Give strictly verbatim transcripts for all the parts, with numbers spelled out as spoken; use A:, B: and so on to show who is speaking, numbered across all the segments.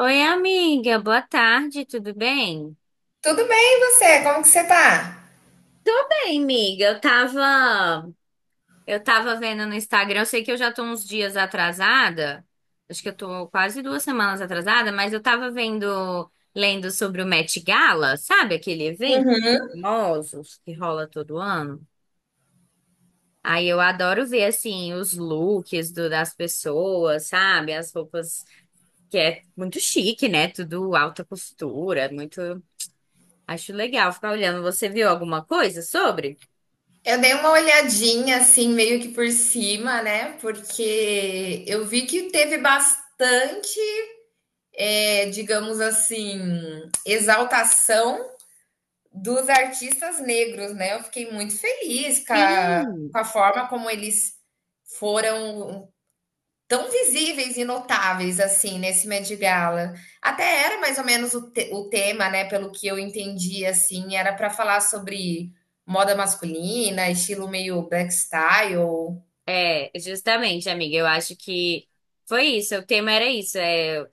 A: Oi, amiga, boa tarde, tudo bem?
B: Tudo bem, e você? Como que você tá?
A: Tô bem, amiga. Eu tava, eu tava vendo no Instagram, eu sei que eu já tô uns dias atrasada, acho que eu tô quase duas semanas atrasada, mas eu tava vendo, lendo sobre o Met Gala. Sabe aquele evento
B: Uhum.
A: famosos que rola todo ano? Aí eu adoro ver, assim, os looks do- das pessoas, sabe? As roupas, que é muito chique, né? Tudo alta costura, muito. Acho legal ficar olhando. Você viu alguma coisa sobre?
B: Eu dei uma olhadinha assim, meio que por cima, né? Porque eu vi que teve bastante, eh, digamos assim, exaltação dos artistas negros, né? Eu fiquei muito feliz com a,
A: Sim.
B: com a forma como eles foram tão visíveis e notáveis assim nesse Met Gala. Até era mais ou menos o, te- o tema, né? Pelo que eu entendi, assim, era para falar sobre moda masculina, estilo meio black style.
A: É, justamente, amiga, eu acho que foi isso. O tema era isso. É,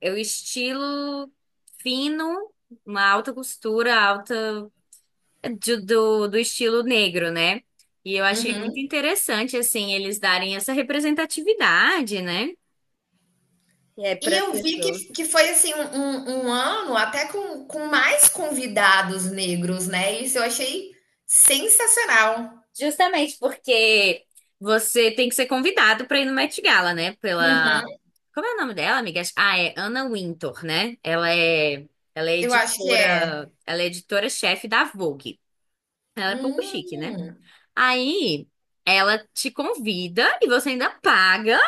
A: é o estilo fino, uma alta costura, alta de- do, do estilo negro, né? E eu achei muito
B: Uhum.
A: interessante, assim, eles darem essa representatividade, né? É,
B: E
A: para as
B: eu vi que,
A: pessoas.
B: que foi assim um, um- um ano até com, com mais convidados negros, né? Isso eu achei sensacional.
A: Justamente porque você tem que ser convidado pra ir no Met Gala, né? Pela.
B: Uhum.
A: Como é o nome dela, amigas? Ah, é Anna Wintour, né? Ela é, ela é
B: Eu acho que é.
A: editora, ela é editora-chefe da Vogue. Ela é pouco chique, né?
B: Hum,
A: Aí ela te convida e você ainda paga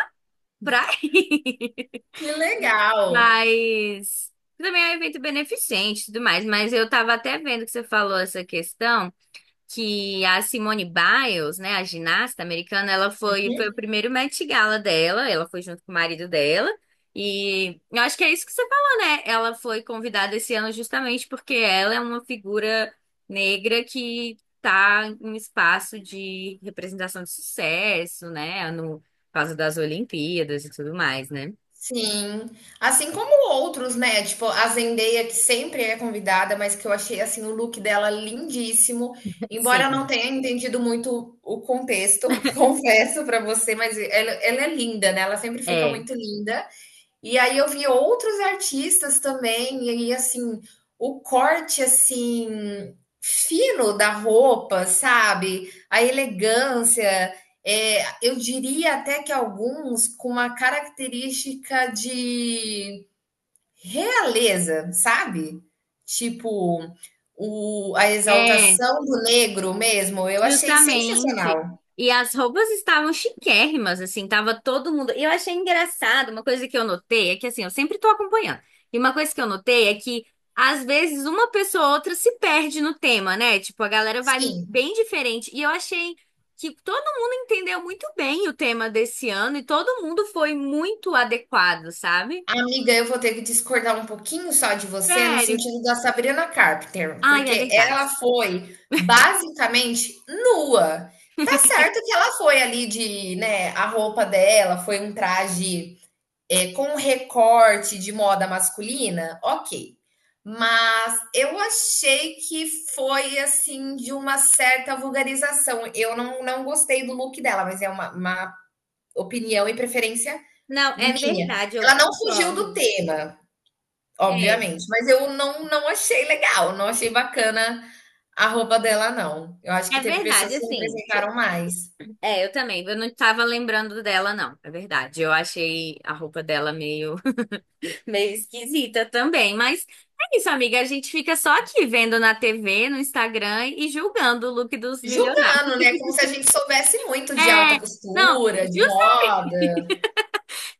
A: pra ir.
B: que legal.
A: Mas também é um evento beneficente e tudo mais. Mas eu tava até vendo que você falou essa questão, que a Simone Biles, né, a ginasta americana, ela foi, foi o primeiro Met Gala dela, ela foi junto com o marido dela. E eu acho que é isso que você falou, né? Ela foi convidada esse ano justamente porque ela é uma figura negra que tá em um espaço de representação de sucesso, né? No por causa das Olimpíadas e tudo mais, né?
B: Sim, assim como outros, né? Tipo, a Zendaya, que sempre é convidada, mas que eu achei assim o look dela lindíssimo, embora eu não
A: Sim.
B: tenha entendido muito o contexto, confesso pra você, mas ela, ela é linda, né? Ela sempre fica
A: É.
B: muito linda. E aí eu vi outros artistas também, e aí, assim, o corte, assim, fino da roupa, sabe? A elegância, é, eu diria até que alguns com uma característica de realeza, sabe? Tipo, o, a
A: É.
B: exaltação do negro mesmo, eu achei
A: Justamente.
B: sensacional.
A: E as roupas estavam chiquérrimas, assim, tava todo mundo. E eu achei engraçado, uma coisa que eu notei é que, assim, eu sempre tô acompanhando. E uma coisa que eu notei é que, às vezes, uma pessoa ou outra se perde no tema, né? Tipo, a galera vai
B: Sim.
A: bem diferente. E eu achei que todo mundo entendeu muito bem o tema desse ano e todo mundo foi muito adequado, sabe?
B: Amiga, eu vou ter que discordar um pouquinho só de você no
A: Sério.
B: sentido da Sabrina Carpenter,
A: Ai, é
B: porque
A: verdade.
B: ela foi basicamente nua. Tá certo que ela foi ali de, né, a roupa dela foi um traje é, com um recorte de moda masculina, ok. Mas eu achei que foi assim de uma certa vulgarização. Eu não, não gostei do look dela, mas é uma, uma opinião e preferência
A: Não, é
B: minha.
A: verdade, eu
B: Ela não fugiu do
A: concordo.
B: tema.
A: É,
B: Obviamente, mas eu não não achei legal, não achei bacana a roupa dela não. Eu acho que
A: é
B: teve
A: verdade,
B: pessoas que
A: assim.
B: representaram mais.
A: É, eu também. Eu não tava lembrando dela, não. É verdade. Eu achei a roupa dela meio, meio esquisita também. Mas é isso, amiga. A gente fica só aqui vendo na T V, no Instagram e julgando o look dos milionários.
B: Julgando, né, como se a gente soubesse muito de alta
A: É, não,
B: costura, de moda.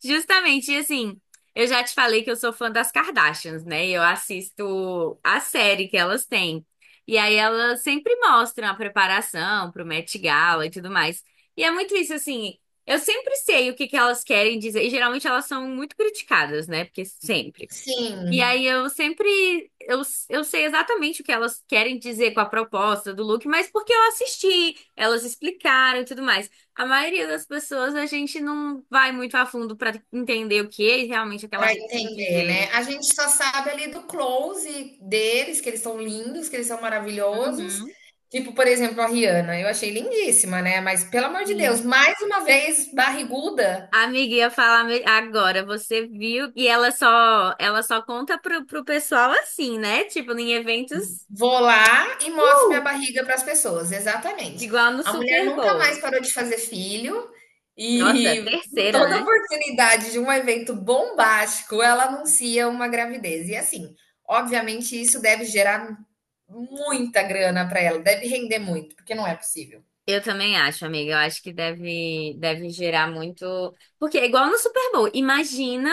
A: justamente, e assim, eu já te falei que eu sou fã das Kardashians, né? Eu assisto a série que elas têm. E aí elas sempre mostram a preparação pro Met Gala e tudo mais. E é muito isso, assim, eu sempre sei o que que elas querem dizer. E geralmente elas são muito criticadas, né? Porque sempre. E
B: Sim,
A: aí eu sempre eu, eu sei exatamente o que elas querem dizer com a proposta do look, mas porque eu assisti, elas explicaram e tudo mais. A maioria das pessoas a gente não vai muito a fundo pra entender o que é realmente aquela
B: para
A: roupa quer
B: entender,
A: dizer,
B: né.
A: né?
B: A gente só sabe ali do close deles, que eles são lindos, que eles são maravilhosos.
A: Uhum.
B: Tipo, por exemplo, a Rihanna, eu achei lindíssima, né, mas pelo amor de Deus,
A: Sim.
B: mais uma vez barriguda.
A: A amiga, ia falar me- agora, você viu? E ela só ela só conta pro, pro pessoal assim, né? Tipo, em eventos,
B: Vou lá e mostro
A: uh,
B: minha barriga para as pessoas, exatamente.
A: igual no
B: A mulher
A: Super
B: nunca mais
A: Bowl.
B: parou de fazer filho
A: Nossa,
B: e
A: terceira,
B: toda
A: né?
B: oportunidade de um evento bombástico, ela anuncia uma gravidez. E assim, obviamente isso deve gerar muita grana para ela, deve render muito, porque não é possível.
A: Eu também acho, amiga. Eu acho que deve, deve gerar muito. Porque é igual no Super Bowl. Imagina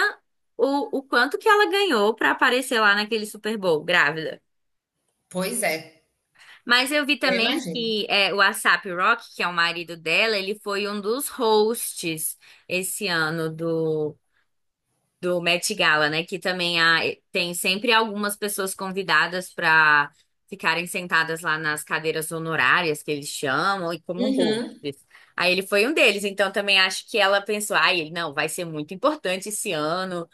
A: o, o quanto que ela ganhou pra aparecer lá naquele Super Bowl, grávida.
B: Pois é,
A: Mas eu vi
B: eu
A: também
B: imagino.
A: que é, o ASAP Rocky, que é o marido dela, ele foi um dos hosts esse ano do do Met Gala, né? Que também há, eh, tem sempre algumas pessoas convidadas para ficarem sentadas lá nas cadeiras honorárias que eles chamam e como
B: Uhum.
A: hosts. Aí ele foi um deles, então também acho que ela pensou, ai, ele não, vai ser muito importante esse ano,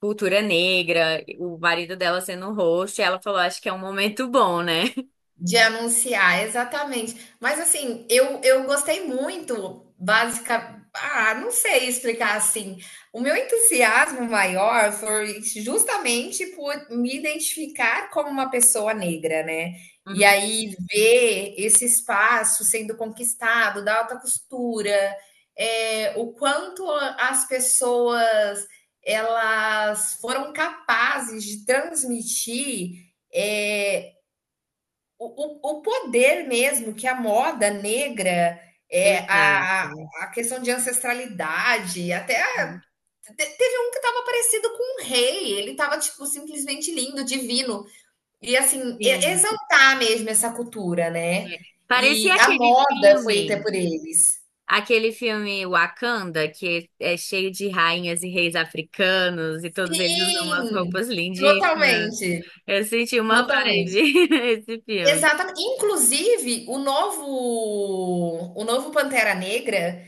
A: cultura negra, o marido dela sendo um host, ela falou, acho que é um momento bom, né?
B: De anunciar, exatamente. Mas assim, eu, eu gostei muito, básica. Ah, não sei explicar assim. O meu entusiasmo maior foi justamente por me identificar como uma pessoa negra, né? E
A: Uhum.
B: aí ver esse espaço sendo conquistado da alta costura, é, o quanto as pessoas elas foram capazes de transmitir. É, o, o, poder mesmo que a moda negra, é, a,
A: Exato.
B: a questão de ancestralidade, até
A: Uhum.
B: teve um que estava parecido com um rei, ele estava tipo, simplesmente lindo, divino. E assim,
A: Sim.
B: exaltar mesmo essa cultura, né?
A: É.
B: E
A: Parecia
B: a
A: aquele
B: moda foi feita
A: filme.
B: por eles.
A: Aquele filme Wakanda, que é cheio de rainhas e reis africanos, e todos eles usam umas
B: Sim,
A: roupas lindíssimas.
B: totalmente,
A: Eu senti uma
B: totalmente.
A: vibe esse filme.
B: Exatamente. Inclusive, o novo, o novo Pantera Negra.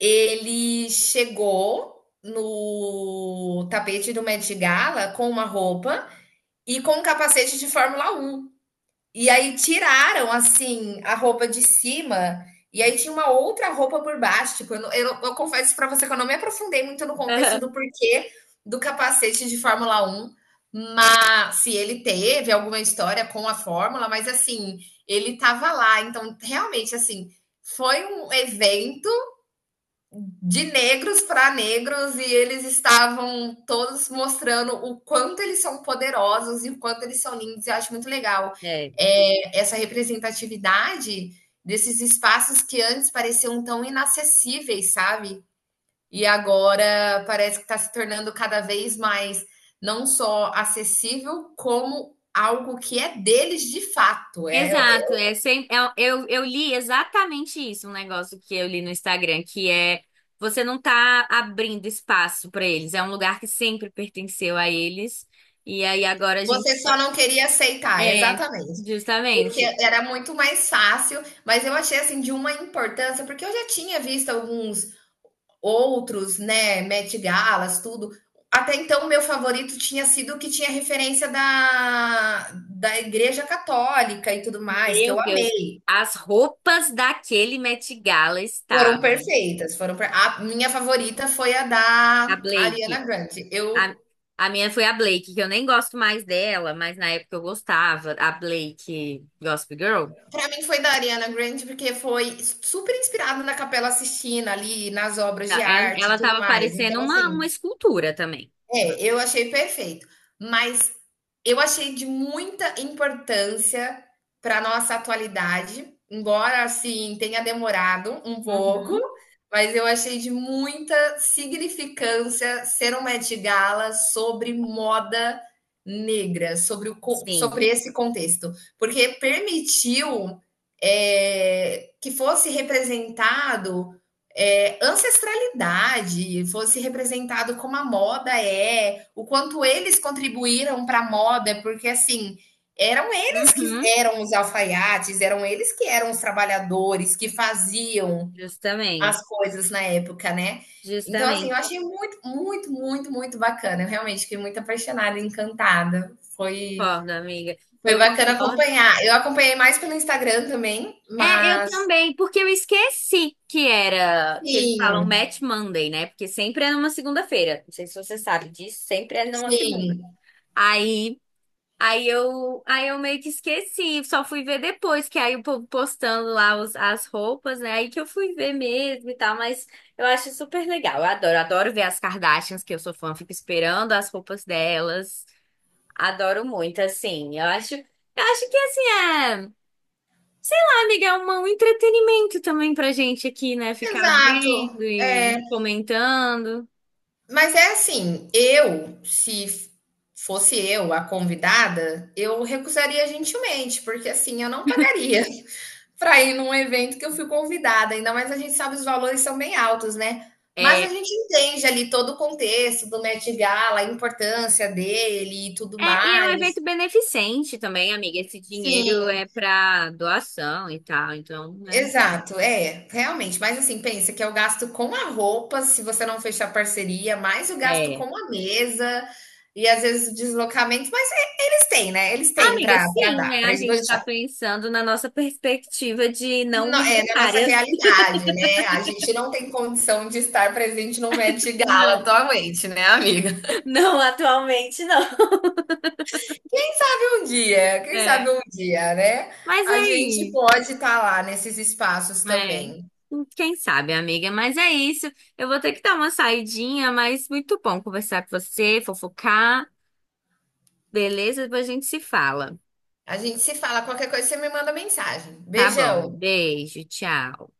B: Ele chegou no tapete do Met Gala com uma roupa e com um capacete de Fórmula Um. E aí tiraram, assim, a roupa de cima e aí tinha uma outra roupa por baixo. Tipo, eu, eu- eu confesso para você que eu não me aprofundei muito no contexto do porquê do capacete de Fórmula Um, mas se ele teve alguma história com a Fórmula, mas assim, ele tava lá. Então, realmente, assim, foi um evento de negros para negros e eles estavam todos mostrando o quanto eles são poderosos e o quanto eles são lindos. Eu acho muito legal
A: É.
B: é, essa representatividade desses espaços que antes pareciam tão inacessíveis, sabe? E agora parece que está se tornando cada vez mais não só acessível, como algo que é deles de fato. É,
A: Exato, é sem, é- eu, eu li exatamente isso, um negócio que eu li no Instagram, que é você não tá abrindo espaço pra eles, é um lugar que sempre pertenceu a eles, e aí agora a gente.
B: você só não queria aceitar,
A: É,
B: exatamente. Porque
A: justamente.
B: era muito mais fácil, mas eu achei assim de uma importância, porque eu já tinha visto alguns outros, né, Met Galas, tudo. Até então, o meu favorito tinha sido o que tinha referência da, da Igreja Católica e tudo mais, que
A: Meu
B: eu
A: Deus,
B: amei.
A: as roupas daquele Met Gala
B: Foram
A: estavam.
B: perfeitas, foram per- a minha favorita foi a
A: A
B: da Ariana
A: Blake.
B: Grande.
A: A,
B: Eu
A: a minha foi a Blake, que eu nem gosto mais dela, mas na época eu gostava. A Blake Gossip Girl.
B: pra mim foi da Ariana Grande, porque foi super inspirado na Capela Sistina, ali, nas obras de
A: Ela,
B: arte e
A: ela
B: tudo
A: tava
B: mais.
A: parecendo
B: Então,
A: uma,
B: assim,
A: uma escultura também.
B: é, eu achei perfeito, mas eu achei de muita importância para nossa atualidade, embora assim tenha demorado um pouco,
A: Uhum.
B: mas eu achei de muita significância ser uma Met Gala sobre moda negra, sobre, o, co-
A: Sim.
B: sobre esse contexto, porque permitiu eh, que fosse representado é, ancestralidade fosse representado como a moda é, o quanto eles contribuíram para a moda, porque assim eram eles que
A: Uhum.
B: eram os alfaiates, eram eles que eram os trabalhadores que faziam
A: Justamente.
B: as coisas na época, né? Então, assim, eu
A: Justamente.
B: achei muito, muito, muito, muito bacana. Eu realmente fiquei muito apaixonada, encantada. Foi,
A: Concordo, amiga.
B: foi
A: Eu
B: bacana
A: concordo.
B: acompanhar. Eu acompanhei mais pelo Instagram também,
A: É, eu
B: mas
A: também, porque eu esqueci que era, que eles falam
B: sim,
A: Match Monday, né? Porque sempre é numa segunda-feira. Não sei se você sabe disso, sempre é numa segunda.
B: sim,
A: Aí, aí eu, aí eu meio que esqueci, só fui ver depois, que aí o povo postando lá os- as roupas, né? Aí que eu fui ver mesmo e tal, mas eu acho super legal. Eu adoro, adoro ver as Kardashians, que eu sou fã, fico esperando as roupas delas. Adoro muito, assim. Eu acho, eu acho que assim é. Sei lá, amiga, é uma- um entretenimento também pra gente aqui, né? Ficar
B: exato.
A: vendo e
B: É,
A: comentando.
B: mas é assim, eu, se fosse eu a convidada, eu recusaria gentilmente, porque assim, eu não pagaria para ir num evento que eu fui convidada, ainda mais a gente sabe os valores são bem altos, né? Mas a
A: É,
B: gente entende ali todo o contexto do Met Gala, a importância dele e tudo
A: é, e é um
B: mais.
A: evento beneficente também, amiga. Esse
B: Sim,
A: dinheiro é pra doação e tal, então, né?
B: exato, é, realmente. Mas assim, pensa que é o gasto com a roupa, se você não fechar parceria, mais o gasto com
A: É.
B: a mesa e às vezes o deslocamento, mas eles têm, né? Eles têm
A: Amiga,
B: para
A: sim,
B: dar,
A: né?
B: para
A: A gente
B: esbanjar.
A: tá pensando na nossa perspectiva de não
B: É na nossa
A: milionárias.
B: realidade, né? A gente não tem condição de estar presente num Met Gala
A: Não,
B: atualmente, né, amiga?
A: não atualmente, não.
B: Quem sabe um dia, quem sabe
A: É.
B: um dia, né?
A: Mas
B: A
A: é
B: gente
A: isso.
B: pode estar lá nesses espaços
A: É,
B: também.
A: quem sabe, amiga, mas é isso. Eu vou ter que dar uma saidinha, mas muito bom conversar com você, fofocar, beleza? Depois a gente se fala.
B: A gente se fala, qualquer coisa você me manda mensagem.
A: Tá bom,
B: Beijão.
A: beijo, tchau.